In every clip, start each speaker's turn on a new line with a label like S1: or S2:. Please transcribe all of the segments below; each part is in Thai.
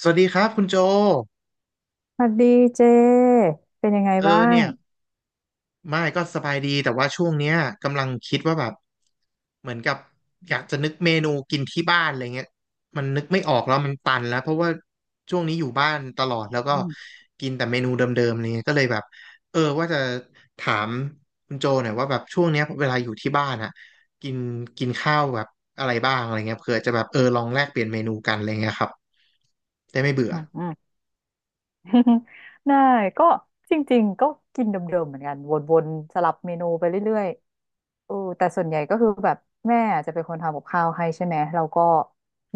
S1: สวัสดีครับคุณโจ
S2: สวัสดีเจเป็นยังไง
S1: เอ
S2: บ้า
S1: อ
S2: ง
S1: เนี่ยไม่ก็สบายดีแต่ว่าช่วงเนี้ยกำลังคิดว่าแบบเหมือนกับอยากจะนึกเมนูกินที่บ้านอะไรเงี้ยมันนึกไม่ออกแล้วมันตันแล้วเพราะว่าช่วงนี้อยู่บ้านตลอดแล้วก็
S2: อืม
S1: กินแต่เมนูเดิมๆอะไรเงี้ยก็เลยแบบเออว่าจะถามคุณโจหน่อยว่าแบบช่วงเนี้ยเวลาอยู่ที่บ้านอะกินกินข้าวแบบอะไรบ้างอะไรเงี้ยเผื่อจะแบบเออลองแลกเปลี่ยนเมนูกันอะไรเงี้ยครับได้ไม่เบื่อ
S2: อืมอืม ได้ก็จริงๆก็กินเดิมๆเหมือนกันวนๆสลับเมนูไปเรื่อยๆแต่ส่วนใหญ่ก็คือแบบแม่อาจจะเป็นคนทำกับข้าวให้ใช่ไหมเราก็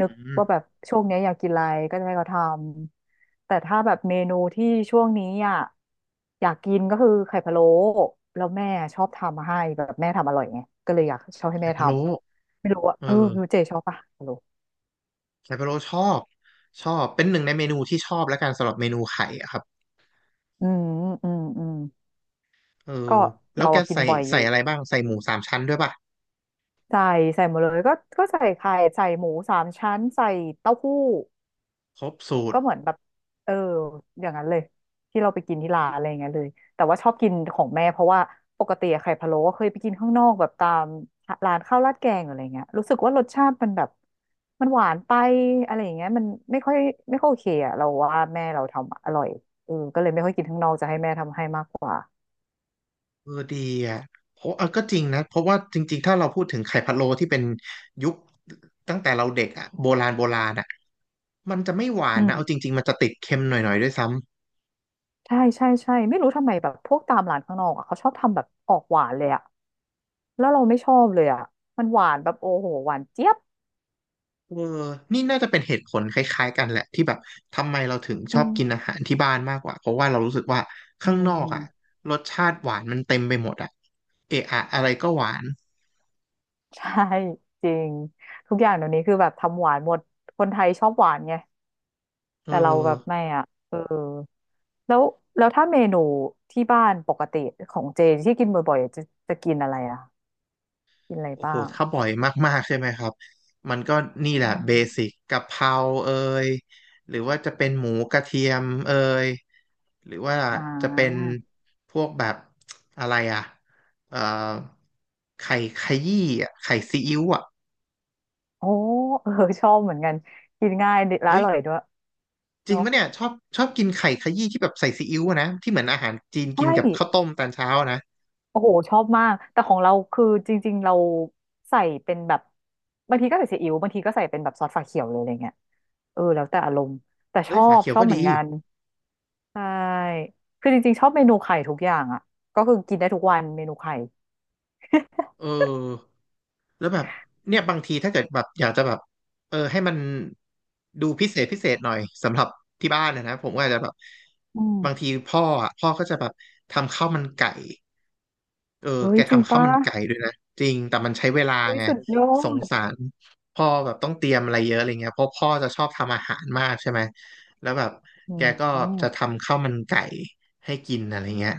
S2: นึก
S1: อืม
S2: ว่าแบบช่วงเนี้ยอยากกินอะไรก็จะให้เขาทำแต่ถ้าแบบเมนูที่ช่วงนี้อ่ะอยากกินก็คือไข่พะโล้แล้วแม่ชอบทำมาให้แบบแม่ทำอร่อยไงก็เลยอยากชอบให้
S1: ไข่
S2: แม่ท
S1: พะโล้
S2: ำไม่รู้ว่า
S1: เออ
S2: รู้เจชอบปะ
S1: ไคโบโรชอบชอบเป็นหนึ่งในเมนูที่ชอบแล้วกันสำหรับเมนูไข่อะครับ
S2: อืมอืมอืม
S1: เออ
S2: ก็
S1: แล้ว
S2: เรา
S1: แก
S2: อะกิน
S1: ใส่
S2: บ่อยอ
S1: ใส่
S2: ยู่
S1: อะไรบ้างใส่หมูสามชั้นด้วยป่ะ
S2: ใส่ใส่หมดเลยก็ก็ใส่ไข่ใส่หมูสามชั้นใส่เต้าหู้
S1: ครบสูต
S2: ก็
S1: ร
S2: เหมือนแบบเอออย่างนั้นเลยที่เราไปกินที่ร้านอะไรอย่างเงี้ยเลยแต่ว่าชอบกินของแม่เพราะว่าปกติอะไข่พะโล้ก็เคยไปกินข้างนอกแบบตามร้านข้าวราดแกงหรืออะไรเงี้ยรู้สึกว่ารสชาติมันแบบมันหวานไปอะไรอย่างเงี้ยมันไม่ค่อยไม่ค่อยโอเคอะเราว่าแม่เราทำอร่อยก็เลยไม่ค่อยกินข้างนอกจะให้แม่ทำให้มากกว่า
S1: เออดีอ่ะเพราะเออก็จริงนะเพราะว่าจริงๆถ้าเราพูดถึงไข่พะโล้ที่เป็นยุคตั้งแต่เราเด็กอ่ะโบราณโบราณอ่ะมันจะไม่หวา
S2: อื
S1: นนะเอาจ
S2: ม
S1: ริงๆมันจะติดเค็มหน่อยๆด้วยซ้ำ
S2: ใช่ใช่ใช่ไม่รู้ทำไมแบบพวกตามร้านข้างนอกอะเขาชอบทำแบบออกหวานเลยอะแล้วเราไม่ชอบเลยอะมันหวานแบบโอ้โหหวานเจี๊ยบ
S1: เออนี่น่าจะเป็นเหตุผลคล้ายๆกันแหละที่แบบทำไมเราถึงช
S2: อื
S1: อบกิน
S2: ม
S1: อาหารที่บ้านมากกว่าเพราะว่าเรารู้สึกว่า
S2: อื
S1: ข้างนอก
S2: ม
S1: อ่ะรสชาติหวานมันเต็มไปหมดอ่ะเอะอะอะไรก็หวาน
S2: ใช่จริงทุกอย่างเดี๋ยวนี้คือแบบทำหวานหมดคนไทยชอบหวานไง
S1: เอ
S2: แต่เรา
S1: อ
S2: แบบไม่อ่ะแล้วแล้วถ้าเมนูที่บ้านปกติของเจที่กินบ่อยๆจะจะกินอะไรอะกินอะไร
S1: โอ้โห
S2: บ้าง
S1: ถ้าบ่อยมากๆใช่ไหมครับมันก็นี่แห
S2: อื
S1: ละเบสิก
S2: ม
S1: กะเพราเอยหรือว่าจะเป็นหมูกระเทียมเอยหรือว่า
S2: อ่า
S1: จะเป็นพวกแบบอะไรอ่ะเอ่อไข่ขยี้อ่ะไข่ซีอิ๊วอ่ะ
S2: โอ้เออ ชอบเหมือนกันกินง่ายและอ
S1: เอ้ย
S2: ร่อยด้วย
S1: จริง
S2: เนาะ
S1: ปะเนี่ยชอบชอบกินไข่ขยี้ที่แบบใส่ซีอิ๊วอะนะที่เหมือนอาหารจีนกิน
S2: ใช่
S1: กับข้าวต้มตอนเช้าอะนะ
S2: โอ้โหชอบมากแต่ของเราคือจริงๆเราใส่เป็นแบบบางทีก็ใส่ซีอิ๊วบางทีก็ใส่เป็นแบบซอสฝาเขียวเลยอะไรเงี้ยแล้วแต่อารมณ์แต่ช
S1: เอ้ย
S2: อ
S1: ฝา
S2: บ
S1: เขีย
S2: ช
S1: ว
S2: อ
S1: ก็
S2: บเห
S1: ดี
S2: มือนกันใช่คือจริงๆชอบเมนูไข่ทุกอย่างอ่ะก็คือกินได้ทุกวันเมนูไข่
S1: เออแล้วแบบเนี่ยบางทีถ้าเกิดแบบอยากจะแบบเออให้มันดูพิเศษพิเศษหน่อยสำหรับที่บ้านนะนะผมก็อาจจะแบบ
S2: อื
S1: บางที
S2: ม
S1: พ่ออ่ะพ่อก็จะแบบทำข้าวมันไก่ เออ
S2: เฮ้
S1: แก
S2: ยจริง
S1: ทำข้าว
S2: ปะ
S1: มันไก่ด้วยนะจริง แต่มันใช้เวลา
S2: เฮ้ย
S1: ไง
S2: สุดยอ
S1: สง
S2: ด
S1: สารพ่อแบบต้องเตรียมอะไรเยอะอะไรเงี้ยเพราะพ่อจะชอบทำอาหารมากใช่ไหม แล้วแบบ
S2: อื
S1: แกก็จะ
S2: ม
S1: ทำข้าวมันไก่ให้กินอะไรเงี้ย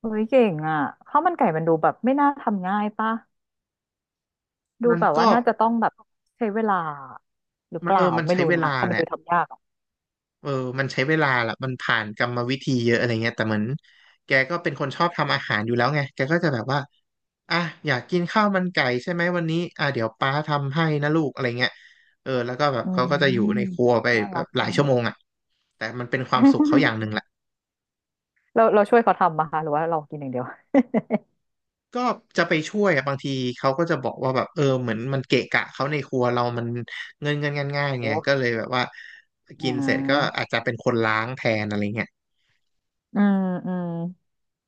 S2: เฮ้ยเก่งอ่ะข้าวมันไก่มันดูแบบไม่น่าทำง่ายปะดู
S1: มัน
S2: แบบว่า
S1: ก็
S2: น่าจะต้องแบบใช้เวลาหรือ
S1: มั
S2: เป
S1: นเอ
S2: ล่า
S1: อมัน
S2: ไม่
S1: ใช้
S2: รู้
S1: เว
S2: นะ
S1: ลา
S2: แต่มั
S1: แห
S2: นดู
S1: ละ
S2: ทำยากอ่ะ
S1: เออมันใช้เวลาละมันผ่านกรรมวิธีเยอะอะไรเงี้ยแต่เหมือนแกก็เป็นคนชอบทำอาหารอยู่แล้วไงแกก็จะแบบว่าอ่ะอยากกินข้าวมันไก่ใช่ไหมวันนี้อ่ะเดี๋ยวป้าทำให้นะลูกอะไรเงี้ยเออแล้วก็แบบ
S2: อื
S1: เขาก็จะอยู่ในค
S2: ม
S1: รัวไป
S2: น่า
S1: แบ
S2: รั
S1: บ
S2: ก
S1: หลาย
S2: จัง
S1: ชั่วโมงอ่ะแต่มันเป็นความสุขเขาอย่างห นึ่งแหละ
S2: เราเราช่วยเขาทำมาคะหรือว่าเรากินอย่างเดียว
S1: ก็จะไปช่วยอะบางทีเขาก็จะบอกว่าแบบเออเหมือนมันเกะกะเขาในครัวเรามันเงินง่ายๆไง
S2: โอ้
S1: ก็เลยแบบว่า
S2: อ่
S1: กินเสร็จก็
S2: า
S1: อาจจะเป็นคนล้างแทนอะไรเงี้ย
S2: อืมอืม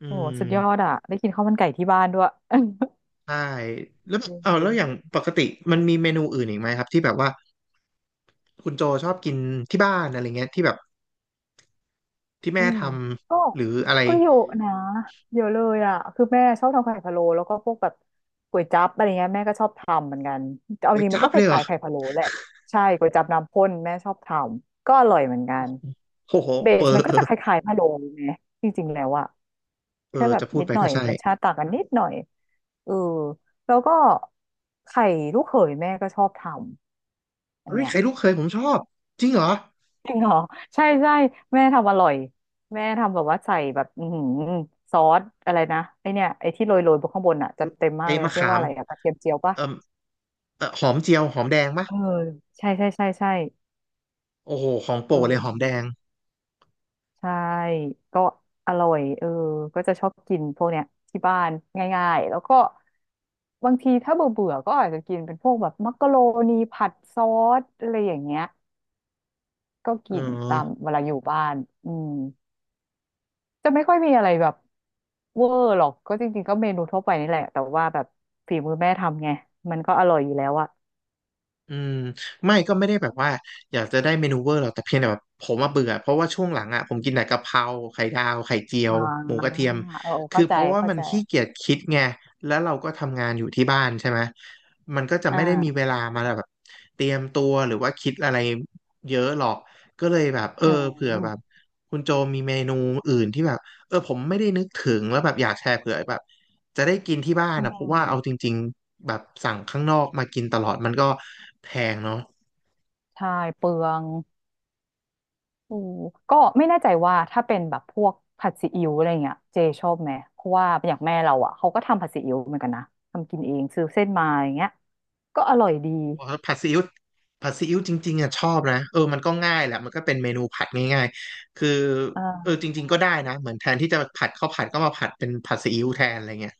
S1: อื
S2: โอ้สุดยอด
S1: ม
S2: อ่ะได้กินข้าวมันไก่ที่บ้านด้วย เออ
S1: ใช่แล้วแบบเอาแล้วอย่างปกติมันมีเมนูอื่นอีกไหมครับที่แบบว่าคุณโจชอบกินที่บ้านอะไรเงี้ยที่แบบที่
S2: อื
S1: แม่ท
S2: มก็
S1: ำหรืออะไร
S2: ก็เยอะนะเยอะเลยอ่ะคือแม่ชอบทำไข่พะโล้แล้วก็พวกแบบก๋วยจั๊บอะไรเงี้ยแม่ก็ชอบทำเหมือนกันเอา
S1: ก๋
S2: จ
S1: วย
S2: ริงมัน
S1: จั๊บ
S2: ก็ค
S1: เลยเหร
S2: ล้า
S1: อ
S2: ยๆไข่พะโล้แหละใช่ก๋วยจั๊บน้ำข้นแม่ชอบทำก็อร่อยเหมือนกัน
S1: โอ้โห
S2: เบ
S1: เออ
S2: สมันก็
S1: เออ
S2: จะคล้ายๆพะโล้ไงจริงๆแล้วอ่ะ
S1: เอ
S2: แค่
S1: อ
S2: แบบ
S1: จะพูด
S2: นิด
S1: ไป
S2: หน่อ
S1: ก็
S2: ย
S1: ใช่
S2: รสชาติต่างกันนิดหน่อยเออแล้วก็ไข่ลูกเขยแม่ก็ชอบทำอัน
S1: เฮ้ย
S2: เนี้ย
S1: ไข่ลูกเคยผมชอบจริงเหรอ
S2: จริงเหรอใช่ใช่แม่ทำอร่อยแม่ทำแบบว่าใส่แบบอือหือซอสอะไรนะไอเนี่ยไอที่โรยโรยบนข้างบนอ่ะจะเต็มมาก
S1: ไอ้
S2: เลย
S1: มะ
S2: เรียก
S1: ขา
S2: ว่า
S1: ม
S2: อะไรอะกระเทียมเจียวปะ
S1: เออเออหอมเจียวหอมแดงปะ
S2: เออใช่ใช่ใช่ใช่
S1: โอ้โหของโปร
S2: เอ
S1: ดเลยหอมแดง
S2: อ ใช่ก็อร่อยก็จะชอบกินพวกเนี้ยที่บ้านง่ายๆแล้วก็บางทีถ้าเบื่อเบื่อก็อาจจะกินเป็นพวกแบบมักกะโรนีผัดซอสอะไรอย่างเงี้ยก็
S1: เอ
S2: กินตา
S1: อ
S2: มเวลาอยู่บ้านอืมจะไม่ค่อยมีอะไรแบบเวอร์หรอกก็จริงๆก็เมนูทั่วไปนี่แหละแต่ว่าแบบฝีมือแม่ทำไงมันก็อร่อยอยู่แล้วอะ
S1: อืมไม่ก็ไม่ได้แบบว่าอยากจะได้เมนูเวอร์หรอกแต่เพียงแต่แบบผมมาเบื่อเพราะว่าช่วงหลังอ่ะผมกินแต่กะเพราไข่ดาวไข่เจียว
S2: อ่
S1: หมูก
S2: า
S1: ระเทียม
S2: เออ
S1: คือ
S2: เข้า
S1: เพ
S2: ใจ
S1: ราะว่า
S2: เข้า
S1: มัน
S2: ใจ
S1: ขี้เกียจคิดไงแล้วเราก็ทำงานอยู่ที่บ้านใช่ไหมมันก็จะไม่ได้มี
S2: อ่า
S1: เวลามาแบบเตรียมตัวหรือว่าคิดอะไรเยอะหรอกก็เลยแบบเออ
S2: อื
S1: เผื่อแบบ
S2: ม
S1: คุณโจมีเมนูอื่นที่แบบเออผมไม่ได้นึกถึงแล้วแบบอยากแชร์เผื่อแบบ จะได้กินที่บ้าน
S2: อื
S1: นะเพราะ
S2: ม
S1: ว่าเอาจริงๆแบบสั่งข้างนอกมากินตลอดมันก็แพงเนาะ
S2: ใช่เปลือง โอ้ก็ไม่แน่ใจว่าถ้าเป็นแบบพวกผัดซีอิ๊วอะไรเงี้ยเจชอบไหมเพราะว่าอย่างแม่เราอ่ะเขาก็ทำผัดซีอิ๊วเหมือนกันนะทำกินเองซื้อเส้นมาอย่างเงี้ยก็อร่อยดี
S1: ผัดซีอิ๊วผัดซีอิ๊วจริงๆอ่ะชอบนะเออมันก็ง่ายแหละมันก็เป็นเมนูผัดง่ายๆคือเออ
S2: อ่า
S1: จริงๆก็ได้นะเหมือนแทนที่จะผัดข้าวผัดก็มาผัดเป็นผัดซีอิ๊วแทนอะไรเงี้ย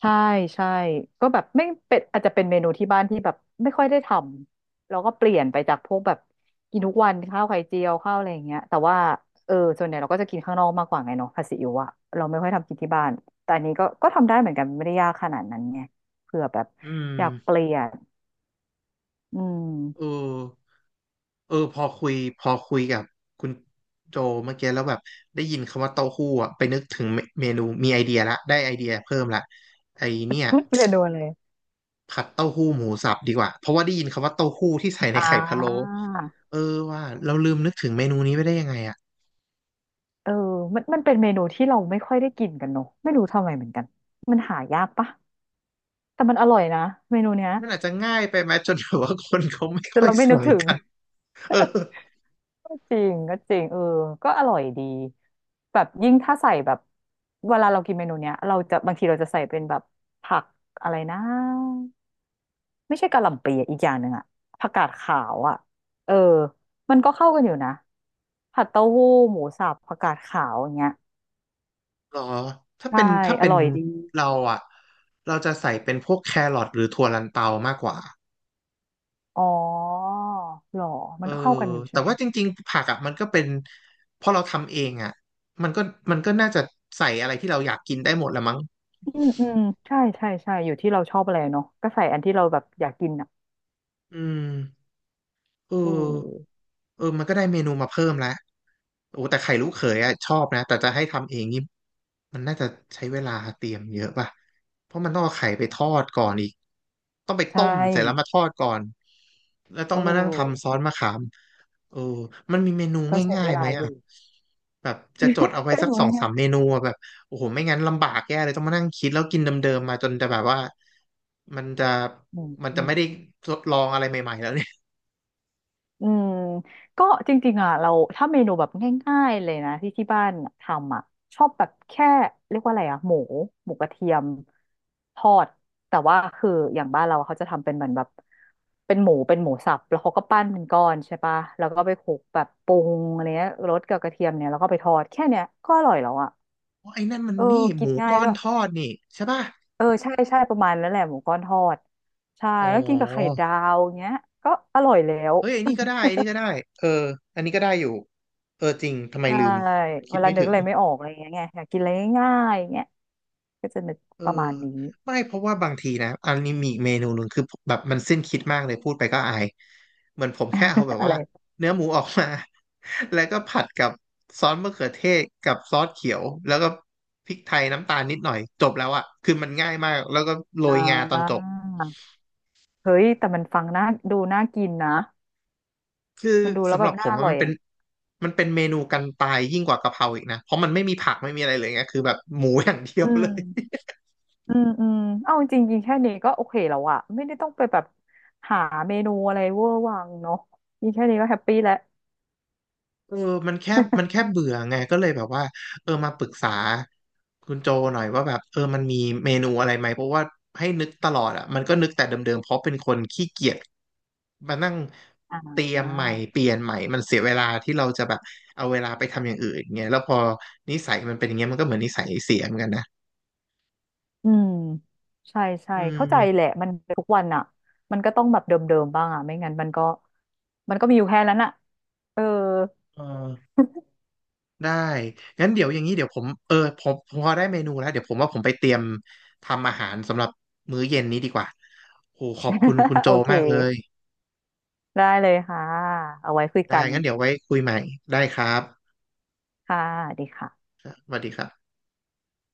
S2: ใช่ใช่ก็แบบไม่เป็นอาจจะเป็นเมนูที่บ้านที่แบบไม่ค่อยได้ทำแล้วก็เปลี่ยนไปจากพวกแบบกินทุกวันข้าวไข่เจียวข้าวอะไรอย่างเงี้ยแต่ว่าส่วนใหญ่เราก็จะกินข้างนอกมากกว่าไงเนาะผัดซีอิ๊วอะเราไม่ค่อยทำกินที่บ้านแต่อันนี้ก็ก็ทำได้เหมือนกันไม่ได้ยากขนาดนั้นไงเผื่อแบบ
S1: อืม
S2: อยากเปลี่ยน อื
S1: เออ
S2: ม
S1: เออพอคุยกับคุณโจเมื่อกี้แล้วแบบได้ยินคำว่าเต้าหู้อะไปนึกถึงเมนูมีไอเดียละได้ไอเดียเพิ่มละไอเนี่ย
S2: เมนูอะไร
S1: ผัดเต้าหู้หมูสับดีกว่า เพราะว่าได้ยินคำว่าเต้าหู้ที่ใส่ใน
S2: อ่
S1: ไข่พะโล้
S2: า
S1: เออว่าเราลืมนึกถึงเมนูนี้ไปได้ยังไงอ่ะ
S2: เออมันมันเป็นเมนูที่เราไม่ค่อยได้กินกันเนอะไม่รู้ทำไมเหมือนกันมันหายากปะแต่มันอร่อยนะเมนูเนี้ย
S1: มันอาจจะง่ายไปไหมจนแบบว่าคนเขาไม่
S2: แต่
S1: ค่อย
S2: เราไม่นึก
S1: สั่ง
S2: ถึง
S1: กันเออ
S2: ก็จริงก็จริงเออก็อร่อยดีแบบยิ่งถ้าใส่แบบเวลาเรากินเมนูเนี้ยเราจะบางทีเราจะใส่เป็นแบบผักอะไรนะ ไม่ใช่กะหล่ำปีอะอีกอย่างหนึ่งอะผักกาดขาวอะเออมันก็เข้ากันอยู่นะผัดเต้าหู้หมูสับผักกาดขาวอย่างเงี้ย
S1: หรอถ้า
S2: ใช่
S1: เป็นถ้า
S2: อ
S1: เป็น
S2: ร่อยดี
S1: เราอ่ะเราจะใส่เป็นพวกแครอทหรือถั่วลันเตามากกว่า
S2: อ๋อหรอ
S1: เอ
S2: มัน
S1: อ
S2: ก็เข้ากันอยู่
S1: แต่
S2: ใช่ไหม
S1: ว่าจริงๆผักอ่ะมันก็เป็นพอเราทำเองอ่ะมันก็มันก็น่าจะใส่อะไรที่เราอยากกินได้หมดละมั้ง
S2: อืมอืมใช่ใช่ใช่อยู่ที่เราชอบอะไรเนาะก็ใส่อันที่เราแบบอยากกินอะ
S1: อืม เ
S2: อือ
S1: ออเออมันก็ได้เมนูมาเพิ่มแล้วโอ้แต่ไข่ลูกเขยอะชอบนะแต่จะให้ทำเองนี่มันน่าจะใช้เวลาเตรียมเยอะป่ะเพราะมันต้องเอาไข่ไปทอดก่อนอีกต้องไป
S2: ใช่
S1: ต้มเสร็จแล้วมาทอดก่อนแล้วต้อ
S2: โอ
S1: งมานั่งทำซ
S2: ้
S1: อสมะขามเออมันมีเมนู
S2: ก็ใช้
S1: ง่า
S2: เว
S1: ยๆไห
S2: ลา
S1: ม
S2: อ
S1: อ่ะ
S2: ยู่
S1: แบบจะจดเอา ไว้
S2: ได้
S1: สั
S2: ห
S1: ก
S2: นู
S1: ส
S2: เอ
S1: อง
S2: ง
S1: สาม
S2: นะ
S1: เมนูอะแบบโอ้โหไม่งั้นลำบากแย่เลยต้องมานั่งคิดแล้วกินเดิมๆมาจนจะแบบว่ามันจะ
S2: อืมอืม
S1: ไม่ได้ทดลองอะไรใหม่ๆแล้วเนี่ย
S2: อืมก็จริงๆอ่ะเราถ้าเมนูแบบง่ายๆเลยนะที่บ้านทำอ่ะชอบแบบแค่เรียกว่าอะไรอ่ะหมูหมูกระเทียมทอดแต่ว่าคืออย่างบ้านเราเขาจะทำเป็นเหมือนแบบเป็นหมูสับแล้วเขาก็ปั้นเป็นก้อนใช่ปะแล้วก็ไปคลุกแบบปรุงอะไรเงี้ยรสกับกระเทียมเนี่ยแล้วก็ไปทอดแค่เนี้ยก็อร่อยแล้วอ่ะ
S1: อ๋อไอ้นั่นมัน
S2: เออ
S1: นี่ห
S2: กิน
S1: มู
S2: ง่าย
S1: ก้อ
S2: ด้
S1: น
S2: วย
S1: ทอดนี่ใช่ป่ะ
S2: เออใช่ใช่ประมาณนั้นแหละหมูก้อนทอดใช่
S1: อ๋อ
S2: แล้วกินกับไข่ดาวเงี้ยก็อร่อยแล้ว
S1: เฮ้ยไอ้นี่ก็ได้ไอ้นี่ก็ได้เอออันนี้ก็ได้อยู่เออจริงทำไม
S2: ใช่
S1: ลืมคิ
S2: เว
S1: ด
S2: ลา
S1: ไม่
S2: นึก
S1: ถึง
S2: อะไรไม่ออกอะไรอย่างเงี้ยไงอยากกินอะไรง่ายๆอย่างเงี้ยก็จะนึก
S1: เออ
S2: ประมาณนี้
S1: ไม่เพราะว่าบางทีนะอันนี้มีอีกเมนูหนึ่งคือแบบมันสิ้นคิดมากเลยพูดไปก็อายเหมือนผมแค่เอาแบ บ
S2: อะ
S1: ว่า
S2: ไร
S1: เนื้อหมูออกมา แล้วก็ผัดกับซอสมะเขือเทศกับซอสเขียวแล้วก็พริกไทยน้ำตาลนิดหน่อยจบแล้วอ่ะคือมันง่ายมากแล้วก็โร
S2: อ่
S1: ยงาตอนจ
S2: า
S1: บ
S2: เฮ้ยแต่มันฟังน่าดูน่ากินนะ
S1: คือ
S2: มันดูแล้ว
S1: สำ
S2: แบ
S1: หรั
S2: บ
S1: บผ
S2: น่า
S1: ม
S2: อ
S1: อะ
S2: ร่อ
S1: มั
S2: ย
S1: นเป็น
S2: อ่ะ
S1: เมนูกันตายยิ่งกว่ากะเพราอีกนะเพราะมันไม่มีผักไม่มีอะไรเลยไงคือแบบหมูอย่างเดีย
S2: อื
S1: วเลย
S2: มอืมอืมเอาจริงๆกินแค่นี้ก็โอเคแล้วอะไม่ได้ต้องไปแบบหาเมนูอะไรเวอร์วังเนาะกินแค่นี้ก็แฮปปี้แล้ว
S1: เออมันแค่มันแค่เบื่อไงก็เลยแบบว่าเออมาปรึกษาคุณโจหน่อยว่าแบบเออมันมีเมนูอะไรไหมเพราะว่าให้นึกตลอดอ่ะมันก็นึกแต่เดิมๆเพราะเป็นคนขี้เกียจมานั่ง
S2: อ่
S1: เตรียมใหม่เป
S2: า
S1: ลี่ยนใหม่มันเสียเวลาที่เราจะแบบเอาเวลาไปทำอย่างอื่นเงี้ยแล้วพอนิสัยมันเป็นอย่างเงี้ยมันก็เหมือนนิสัยเสียเหมือนกันนะ
S2: อืมใช่ใช่
S1: อื
S2: เข้าใจแห
S1: ม
S2: ละมันทุกวันอ่ะมันก็ต้องแบบเดิมๆบ้างอ่ะไม่งั้นมันก็มันก็มีอยู่แค่นั้นอ่ะเออ
S1: เออ ได้ งั้นเดี๋ยวอย่างนี้เดี๋ยวผมเออผมพอได้เมนูแล้วเดี๋ยวผมว่าผมไปเตรียมทำอาหารสำหรับมื้อเย็นนี้ดีกว่าโหขอบคุณคุณ โจ
S2: โอเค
S1: มากเลย
S2: ได้เลยค่ะเอาไว้คุย
S1: ได้
S2: กัน
S1: งั้นเดี๋ยวไว้คุยใหม่ ได้ครับ
S2: ค่ะสวัสดีค่ะ
S1: สวัสดีครับ